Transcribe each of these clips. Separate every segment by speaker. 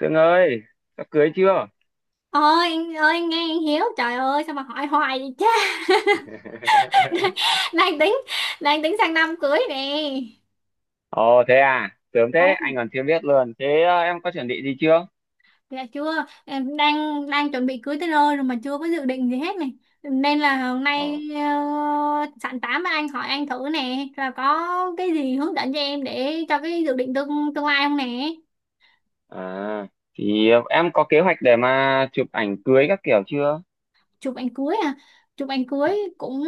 Speaker 1: Sương ơi, sắp cưới chưa?
Speaker 2: Ơi anh, ơi anh, nghe anh Hiếu, trời ơi sao mà hỏi hoài vậy cha. Đang tính, đang tính sang năm cưới nè.
Speaker 1: Ồ thế à, sớm thế,
Speaker 2: Không,
Speaker 1: anh còn chưa biết luôn. Thế em có chuẩn bị gì chưa?
Speaker 2: dạ chưa, em đang đang chuẩn bị cưới tới nơi rồi mà chưa có dự định gì hết này, nên là hôm
Speaker 1: Ờ.
Speaker 2: nay sẵn tám với anh, hỏi anh thử nè rồi có cái gì hướng dẫn cho em để cho cái dự định tương tương lai không nè.
Speaker 1: À, thì em có kế hoạch để mà chụp ảnh cưới các kiểu chưa?
Speaker 2: Chụp ảnh cưới à? Chụp ảnh cưới cũng,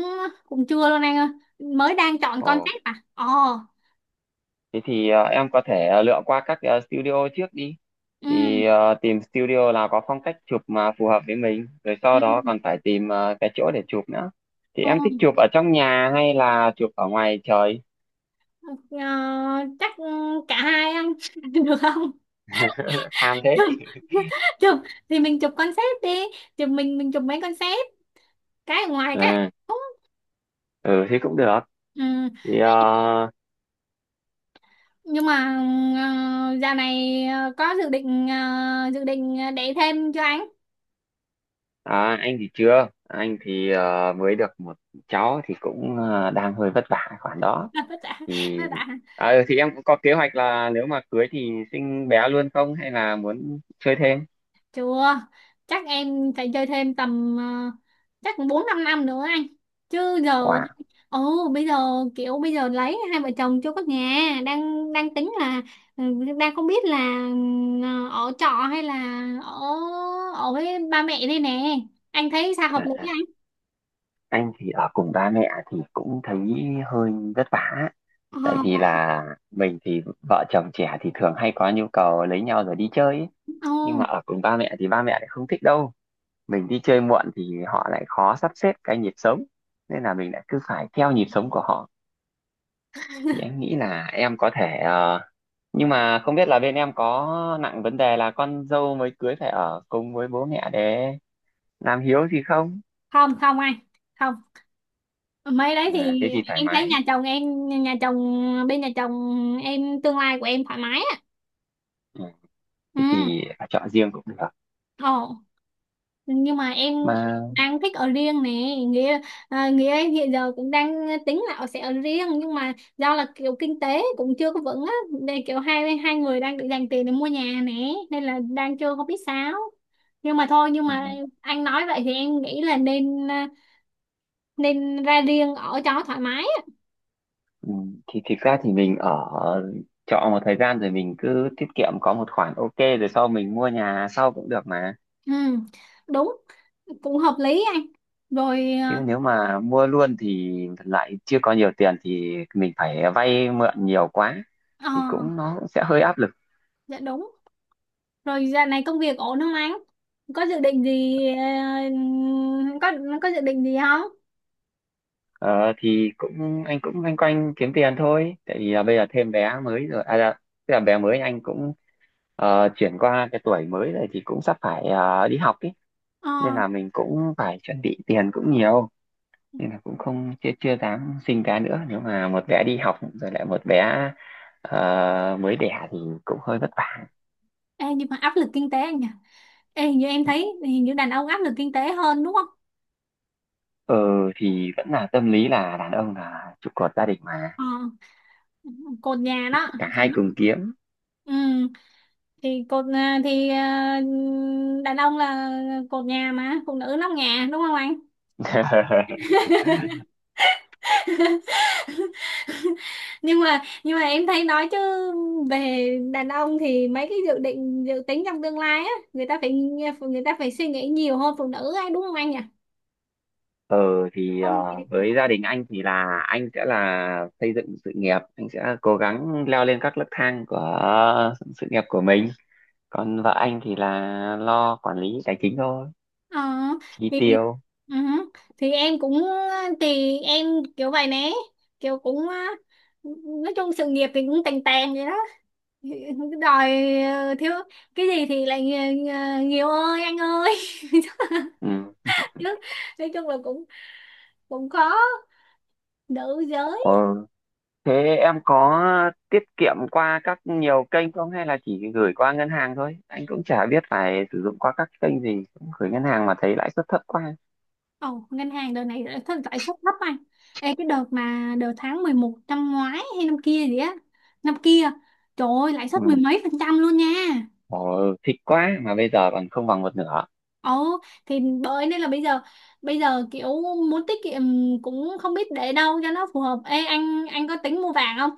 Speaker 2: cũng chưa luôn anh ơi, mới đang chọn
Speaker 1: Ồ,
Speaker 2: concept. À, ồ,
Speaker 1: thế thì em có thể lựa qua các studio trước đi. Thì
Speaker 2: ừ,
Speaker 1: tìm studio nào có phong cách chụp mà phù hợp với mình, rồi
Speaker 2: ừ,
Speaker 1: sau đó còn phải tìm cái chỗ để chụp nữa. Thì em thích
Speaker 2: ừ.
Speaker 1: chụp ở trong nhà hay là chụp ở ngoài trời?
Speaker 2: Ờ, chắc, cả hai anh được không?
Speaker 1: Tham thế.
Speaker 2: Chụp, chụp, thì mình chụp concept đi, chụp mình, chụp mấy concept, cái ở ngoài cái ở
Speaker 1: À,
Speaker 2: trong.
Speaker 1: ừ thì cũng được.
Speaker 2: Ừ.
Speaker 1: Thì
Speaker 2: Nhưng mà dạo này có dự định, dự định để thêm cho anh.
Speaker 1: à, anh thì chưa, anh thì mới được một cháu thì cũng đang hơi vất vả khoản đó.
Speaker 2: Tất cả,
Speaker 1: Thì
Speaker 2: tất cả
Speaker 1: thì em cũng có kế hoạch là nếu mà cưới thì sinh bé luôn không hay là muốn chơi thêm?
Speaker 2: Chưa, chắc em phải chơi thêm tầm, chắc cũng 4 5 năm nữa anh. Chứ giờ,
Speaker 1: Wow.
Speaker 2: ồ, bây giờ, kiểu bây giờ lấy, hai vợ chồng chưa có nhà, đang đang tính là, ừ, đang không biết là, ở trọ hay là ở, ở với ba mẹ đây nè. Anh thấy sao hợp lý
Speaker 1: À,
Speaker 2: anh?
Speaker 1: anh thì ở cùng ba mẹ thì cũng thấy hơi vất vả.
Speaker 2: Ờ,
Speaker 1: Tại vì
Speaker 2: vậy.
Speaker 1: là mình thì vợ chồng trẻ thì thường hay có nhu cầu lấy nhau rồi đi chơi ấy. Nhưng mà
Speaker 2: Ồ,
Speaker 1: ở cùng ba mẹ thì ba mẹ lại không thích đâu. Mình đi chơi muộn thì họ lại khó sắp xếp cái nhịp sống, nên là mình lại cứ phải theo nhịp sống của họ. Thì em nghĩ là em có thể nhưng mà không biết là bên em có nặng vấn đề là con dâu mới cưới phải ở cùng với bố mẹ để làm hiếu gì không.
Speaker 2: không không anh. Không. Mấy đấy
Speaker 1: À,
Speaker 2: thì
Speaker 1: thế thì thoải
Speaker 2: em thấy
Speaker 1: mái.
Speaker 2: nhà chồng em, nhà chồng bên nhà chồng em tương lai của em thoải mái á.
Speaker 1: Ừ,
Speaker 2: Ừ.
Speaker 1: thế thì chọn riêng cũng được
Speaker 2: Ồ. Nhưng mà em
Speaker 1: mà.
Speaker 2: đang thích ở riêng nè, nghĩa, à, nghĩa em hiện giờ cũng đang tính là sẽ ở riêng, nhưng mà do là kiểu kinh tế cũng chưa có vững á, nên kiểu hai hai người đang định dành tiền để mua nhà nè, nên là đang chưa có biết sao, nhưng mà thôi, nhưng
Speaker 1: Ừ,
Speaker 2: mà anh nói vậy thì em nghĩ là nên, nên ra riêng ở cho thoải mái á.
Speaker 1: ừ, thì thực ra thì mình ở trọ một thời gian rồi mình cứ tiết kiệm có một khoản ok rồi sau mình mua nhà sau cũng được mà.
Speaker 2: Ừ, đúng, cũng hợp lý anh. Rồi
Speaker 1: Thế
Speaker 2: à,
Speaker 1: nếu mà mua luôn thì lại chưa có nhiều tiền thì mình phải vay mượn nhiều quá,
Speaker 2: ờ,
Speaker 1: thì cũng nó cũng sẽ hơi áp lực.
Speaker 2: dạ đúng rồi, giờ này công việc ổn không anh, có dự định gì có có dự định gì không?
Speaker 1: Ờ, thì cũng anh cũng loanh quanh kiếm tiền thôi. Tại vì là bây giờ thêm bé mới rồi, à, dạ, tức là bé mới anh cũng chuyển qua cái tuổi mới rồi thì cũng sắp phải đi học ý.
Speaker 2: Ờ,
Speaker 1: Nên là mình cũng phải chuẩn bị tiền cũng nhiều. Nên là cũng không chưa chưa dám sinh bé nữa. Nếu mà một bé đi học rồi lại một bé mới đẻ thì cũng hơi vất vả.
Speaker 2: ê, nhưng mà áp lực kinh tế anh nhỉ? Ê, hình như em thấy hình như đàn ông áp lực kinh tế hơn đúng không?
Speaker 1: Ờ thì vẫn là tâm lý là đàn ông là trụ cột gia đình mà,
Speaker 2: Ờ, cột nhà đó.
Speaker 1: cả hai cùng kiếm.
Speaker 2: Ừ, thì cột, đàn ông là cột nhà mà phụ nữ nóc nhà đúng không anh? Nhưng mà, em thấy nói chứ, về đàn ông thì mấy cái dự định dự tính trong tương lai á, người ta phải, người ta phải suy nghĩ nhiều hơn phụ nữ ấy, đúng không anh nhỉ?
Speaker 1: Ờ thì
Speaker 2: Không.
Speaker 1: với gia đình anh thì là anh sẽ là xây dựng sự nghiệp, anh sẽ cố gắng leo lên các nấc thang của sự nghiệp của mình, còn vợ anh thì là lo quản lý tài chính thôi,
Speaker 2: Ờ,
Speaker 1: chi
Speaker 2: thì
Speaker 1: tiêu.
Speaker 2: ừ, thì em cũng, thì em kiểu vậy nè, kiểu cũng á, nói chung sự nghiệp thì cũng tàn tàn vậy đó. Thì cứ đòi, thiếu cái gì thì lại nhiều, nhiều ơi anh ơi.
Speaker 1: Ừ.
Speaker 2: Chứ nói chung là cũng, cũng khó, nữ giới.
Speaker 1: Ờ. Thế em có tiết kiệm qua các nhiều kênh không hay là chỉ gửi qua ngân hàng thôi? Anh cũng chả biết phải sử dụng qua các kênh gì, cũng gửi ngân hàng mà thấy lãi suất thấp quá.
Speaker 2: Ồ, ngân hàng đợt này lãi suất, lãi suất thấp anh. Ê, cái đợt mà đợt tháng 11 năm ngoái hay năm kia gì á, năm kia, trời ơi, lãi suất mười
Speaker 1: Ừ.
Speaker 2: mấy phần trăm luôn nha.
Speaker 1: Ồ, thích quá mà bây giờ còn không bằng một nửa.
Speaker 2: Ồ, thì bởi nên là bây giờ, kiểu muốn tiết kiệm cũng không biết để đâu cho nó phù hợp. Ê anh, có tính mua vàng không?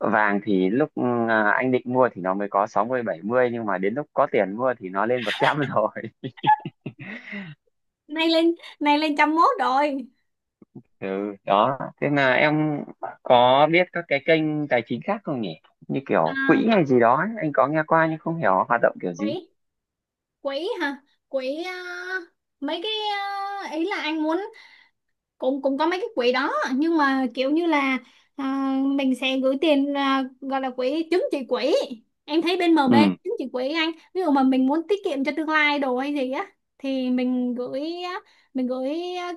Speaker 1: Vàng thì lúc à, anh định mua thì nó mới có 60 70 nhưng mà đến lúc có tiền mua thì nó lên 100 rồi.
Speaker 2: Nay lên, nay lên trăm mốt rồi.
Speaker 1: Ừ, đó. Thế là em có biết các cái kênh tài chính khác không nhỉ? Như kiểu
Speaker 2: À,
Speaker 1: quỹ hay gì đó ấy. Anh có nghe qua nhưng không hiểu hoạt động kiểu gì.
Speaker 2: quỹ, quỹ hả? Quỹ, à, mấy cái, à, ý là anh muốn, cũng cũng có mấy cái quỹ đó nhưng mà kiểu như là, à, mình sẽ gửi tiền, à, gọi là quỹ chứng chỉ quỹ, em thấy bên MB
Speaker 1: Ừ.
Speaker 2: chứng chỉ quỹ anh, ví dụ mà mình muốn tiết kiệm cho tương lai đồ hay gì á thì mình gửi á, mình gửi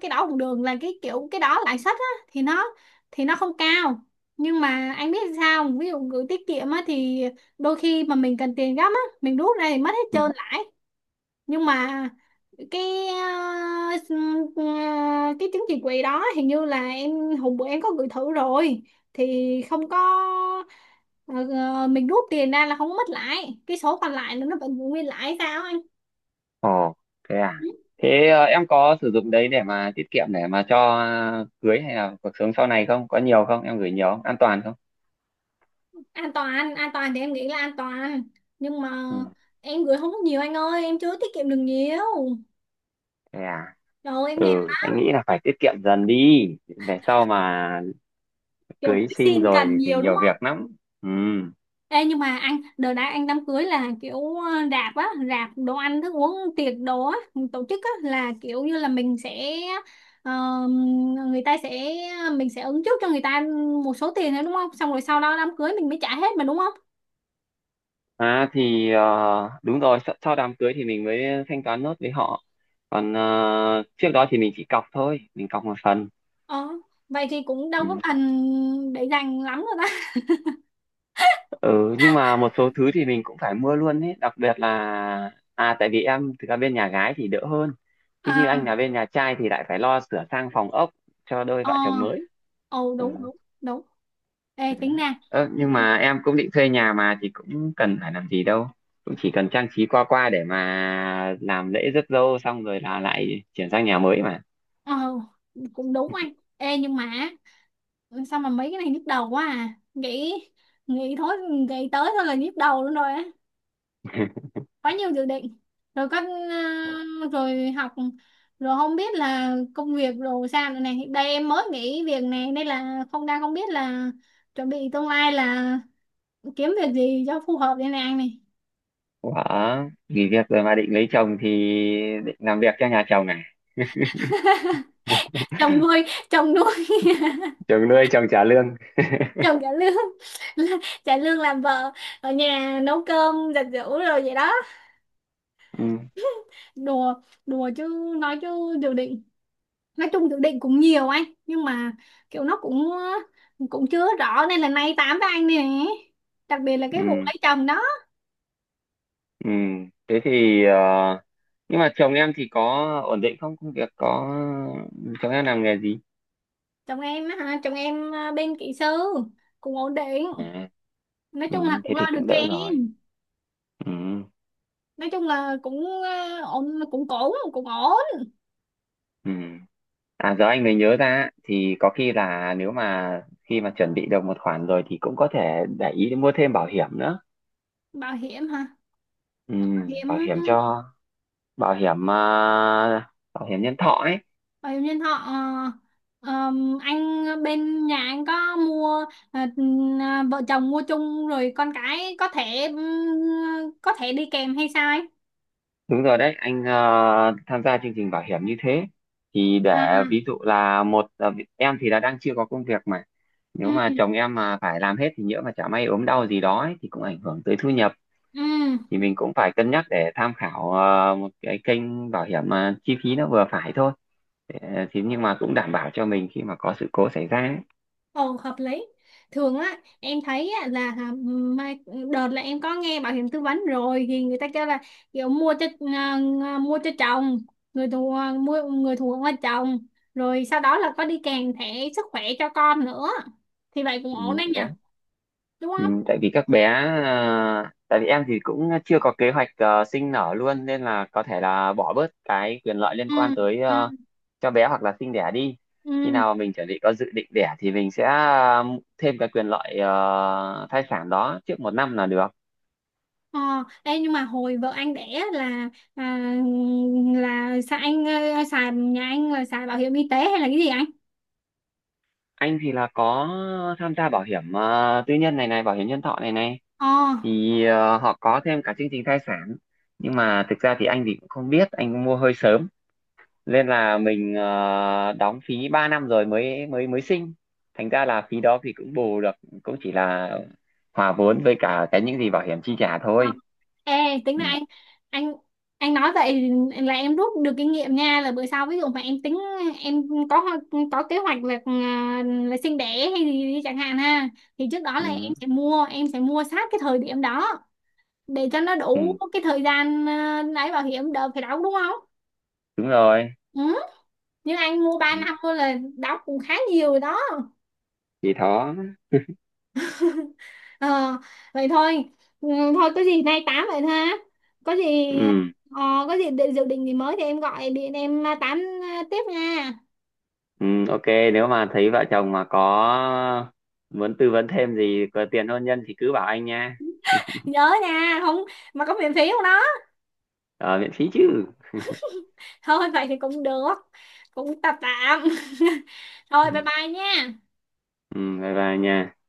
Speaker 2: cái đó cũng được, là cái kiểu cái đó lãi suất á thì nó, thì nó không cao. Nhưng mà anh biết sao không? Ví dụ gửi tiết kiệm á thì đôi khi mà mình cần tiền gấp á mình rút ra thì mất hết
Speaker 1: Ừ.
Speaker 2: trơn lãi, nhưng mà cái ờ, s- ờ, cái trứng chì quỳ đó hình như là em, hôm bữa em có gửi thử rồi thì không có, ờ, mình rút tiền ra là không có mất lãi, cái số còn lại là nó vẫn giữ nguyên lãi, sao anh?
Speaker 1: Ồ, thế à.
Speaker 2: Ừ,
Speaker 1: Thế em có sử dụng đấy để mà tiết kiệm để mà cho cưới hay là cuộc sống sau này không? Có nhiều không? Em gửi nhiều không? An toàn không?
Speaker 2: an toàn, an toàn thì em nghĩ là an toàn, nhưng mà
Speaker 1: Ừ.
Speaker 2: em gửi không có nhiều anh ơi, em chưa tiết kiệm được nhiều.
Speaker 1: Thế à.
Speaker 2: Rồi em nghe
Speaker 1: Ừ, anh nghĩ là phải tiết kiệm dần đi, về sau mà
Speaker 2: kiểu
Speaker 1: cưới xin
Speaker 2: xin
Speaker 1: rồi
Speaker 2: cần
Speaker 1: thì
Speaker 2: nhiều đúng
Speaker 1: nhiều
Speaker 2: không.
Speaker 1: việc lắm. Ừ,
Speaker 2: Ê, nhưng mà anh đợt đã, anh đám cưới là kiểu rạp á, rạp đồ ăn thức uống tiệc đồ á, tổ chức á là kiểu như là mình sẽ, ờ, người ta sẽ, mình sẽ ứng trước cho người ta một số tiền nữa đúng không, xong rồi sau đó đám cưới mình mới trả hết mà đúng không?
Speaker 1: à thì đúng rồi, sau sau đám cưới thì mình mới thanh toán nốt với họ, còn trước đó thì mình chỉ cọc thôi, mình cọc một phần.
Speaker 2: Ờ, vậy thì cũng đâu
Speaker 1: Ừ.
Speaker 2: có cần để dành lắm rồi đó.
Speaker 1: Ừ, nhưng mà một số thứ thì mình cũng phải mua luôn ấy, đặc biệt là à, tại vì em thực ra bên nhà gái thì đỡ hơn, chứ như
Speaker 2: À,
Speaker 1: anh là bên nhà trai thì lại phải lo sửa sang phòng ốc cho đôi
Speaker 2: ờ,
Speaker 1: vợ chồng mới.
Speaker 2: ồ
Speaker 1: Ừ.
Speaker 2: đúng đúng đúng. Ê
Speaker 1: Ừ.
Speaker 2: tính ra,
Speaker 1: Ơ, nhưng mà em cũng định thuê nhà mà thì cũng cần phải làm gì đâu, cũng chỉ cần trang trí qua qua để mà làm lễ rước dâu xong rồi là lại chuyển sang nhà mới mà.
Speaker 2: ờ cũng đúng anh. Ê nhưng mà, ừ, sao mà mấy cái này nhức đầu quá à, nghĩ, nghĩ thôi nghĩ tới thôi là nhức đầu luôn rồi á, quá nhiều dự định, rồi các, rồi học, rồi không biết là công việc rồi sao nữa này, đây em mới nghỉ việc này, đây là không, đang không biết là chuẩn bị tương lai là kiếm việc gì cho phù hợp đây này anh này.
Speaker 1: Ủa, nghỉ việc rồi mà định lấy chồng thì định làm việc cho nhà chồng à?
Speaker 2: Chồng nuôi, chồng nuôi,
Speaker 1: Chồng nuôi, chồng trả lương.
Speaker 2: chồng trả lương. Trả lương làm vợ, ở nhà nấu cơm giặt giũ rồi vậy đó.
Speaker 1: Ừ,
Speaker 2: Đùa, chứ nói chứ dự định, nói chung dự định cũng nhiều anh, nhưng mà kiểu nó cũng, cũng chưa rõ nên là nay tám với anh nè, đặc biệt là cái vụ
Speaker 1: ừ,
Speaker 2: lấy chồng đó.
Speaker 1: ừ. Thế thì nhưng mà chồng em thì có ổn định không, công việc có, chồng em làm nghề gì?
Speaker 2: Chồng em á hả, chồng em, bên kỹ sư, cũng ổn định,
Speaker 1: À,
Speaker 2: nói
Speaker 1: ừ,
Speaker 2: chung là
Speaker 1: thế
Speaker 2: cũng lo
Speaker 1: thì
Speaker 2: được
Speaker 1: cũng
Speaker 2: cho
Speaker 1: đỡ rồi.
Speaker 2: em.
Speaker 1: Ừ,
Speaker 2: Nói chung là cũng ổn, cũng ổn cũng ổn.
Speaker 1: ừ. À giờ anh mới nhớ ra, thì có khi là nếu mà khi mà chuẩn bị được một khoản rồi thì cũng có thể để ý mua thêm bảo hiểm nữa.
Speaker 2: Bảo hiểm hả?
Speaker 1: Ừ,
Speaker 2: Bảo hiểm,
Speaker 1: bảo hiểm cho, bảo hiểm à, bảo hiểm nhân thọ ấy.
Speaker 2: bảo hiểm nhân thọ, anh bên nhà anh có mua, à, vợ chồng mua chung rồi con cái có thể đi kèm hay sao anh?
Speaker 1: Đúng rồi đấy, anh à, tham gia chương trình bảo hiểm như thế, thì
Speaker 2: À,
Speaker 1: để ví dụ là một à, em thì là đang chưa có công việc mà, nếu mà
Speaker 2: ừ,
Speaker 1: chồng em mà phải làm hết thì nhỡ mà chả may ốm đau gì đó ấy, thì cũng ảnh hưởng tới thu nhập.
Speaker 2: ừ,
Speaker 1: Thì mình cũng phải cân nhắc để tham khảo một cái kênh bảo hiểm mà chi phí nó vừa phải thôi. Thì nhưng mà cũng đảm bảo cho mình khi mà có sự cố xảy ra ấy.
Speaker 2: ồ hợp lý. Thường á em thấy á, là hả, mai, đợt là em có nghe bảo hiểm tư vấn rồi thì người ta kêu là kiểu mua cho, mua cho chồng, người thù, mua người thù là chồng, rồi sau đó là có đi kèm thẻ sức khỏe cho con nữa, thì vậy cũng
Speaker 1: Ừ,
Speaker 2: ổn đấy nhỉ,
Speaker 1: đấy.
Speaker 2: đúng
Speaker 1: Ừ,
Speaker 2: không?
Speaker 1: tại vì các bé tại vì em thì cũng chưa có kế hoạch sinh nở luôn, nên là có thể là bỏ bớt cái quyền lợi liên
Speaker 2: Ừ,
Speaker 1: quan tới
Speaker 2: ừ,
Speaker 1: cho bé hoặc là sinh đẻ đi, khi
Speaker 2: ừ,
Speaker 1: nào mình chuẩn bị có dự định đẻ thì mình sẽ thêm cái quyền lợi thai sản đó trước một năm là được.
Speaker 2: ờ. Ê, nhưng mà hồi vợ anh đẻ là là sao anh, xài nhà anh là xài bảo hiểm y tế hay là cái gì anh?
Speaker 1: Anh thì là có tham gia bảo hiểm tư nhân này này, bảo hiểm nhân thọ này này,
Speaker 2: Ờ,
Speaker 1: thì họ có thêm cả chương trình thai sản. Nhưng mà thực ra thì anh thì cũng không biết, anh cũng mua hơi sớm, nên là mình đóng phí 3 năm rồi mới mới mới sinh, thành ra là phí đó thì cũng bù được, cũng chỉ là hòa vốn với cả cái những gì bảo hiểm chi trả
Speaker 2: ờ.
Speaker 1: thôi.
Speaker 2: Ê, tính
Speaker 1: Ừ,
Speaker 2: là anh, anh anh nói vậy là em rút được kinh nghiệm nha, là bữa sau ví dụ mà em tính, em có ho-, có kế hoạch là là sinh đẻ hay gì đi chẳng hạn ha, thì trước đó là em
Speaker 1: ừ,
Speaker 2: sẽ mua, em sẽ mua sát cái thời điểm đó, để cho nó
Speaker 1: ừ,
Speaker 2: đủ cái thời gian, lấy bảo hiểm đỡ phải đóng đúng không?
Speaker 1: đúng rồi.
Speaker 2: Ừ. Nhưng anh mua ba
Speaker 1: Ừ,
Speaker 2: năm thôi là đóng cũng khá nhiều rồi đó.
Speaker 1: thì đó.
Speaker 2: Ờ, vậy thôi, ừ, thôi có gì nay tám vậy thôi ha, có gì
Speaker 1: Ừ.
Speaker 2: ờ, có gì định, dự định gì mới thì em gọi điện em, tám, tiếp nha.
Speaker 1: Ừ, ok, nếu mà thấy vợ chồng mà có muốn tư vấn thêm gì, có tiền hôn nhân thì cứ bảo anh nha.
Speaker 2: Nhớ nha không, mà có miễn phí không đó?
Speaker 1: Ở miễn phí chứ.
Speaker 2: Thôi vậy thì cũng được, cũng tạm tạm. Thôi bye
Speaker 1: Ừ,
Speaker 2: bye nha.
Speaker 1: ừ, bye bye nha.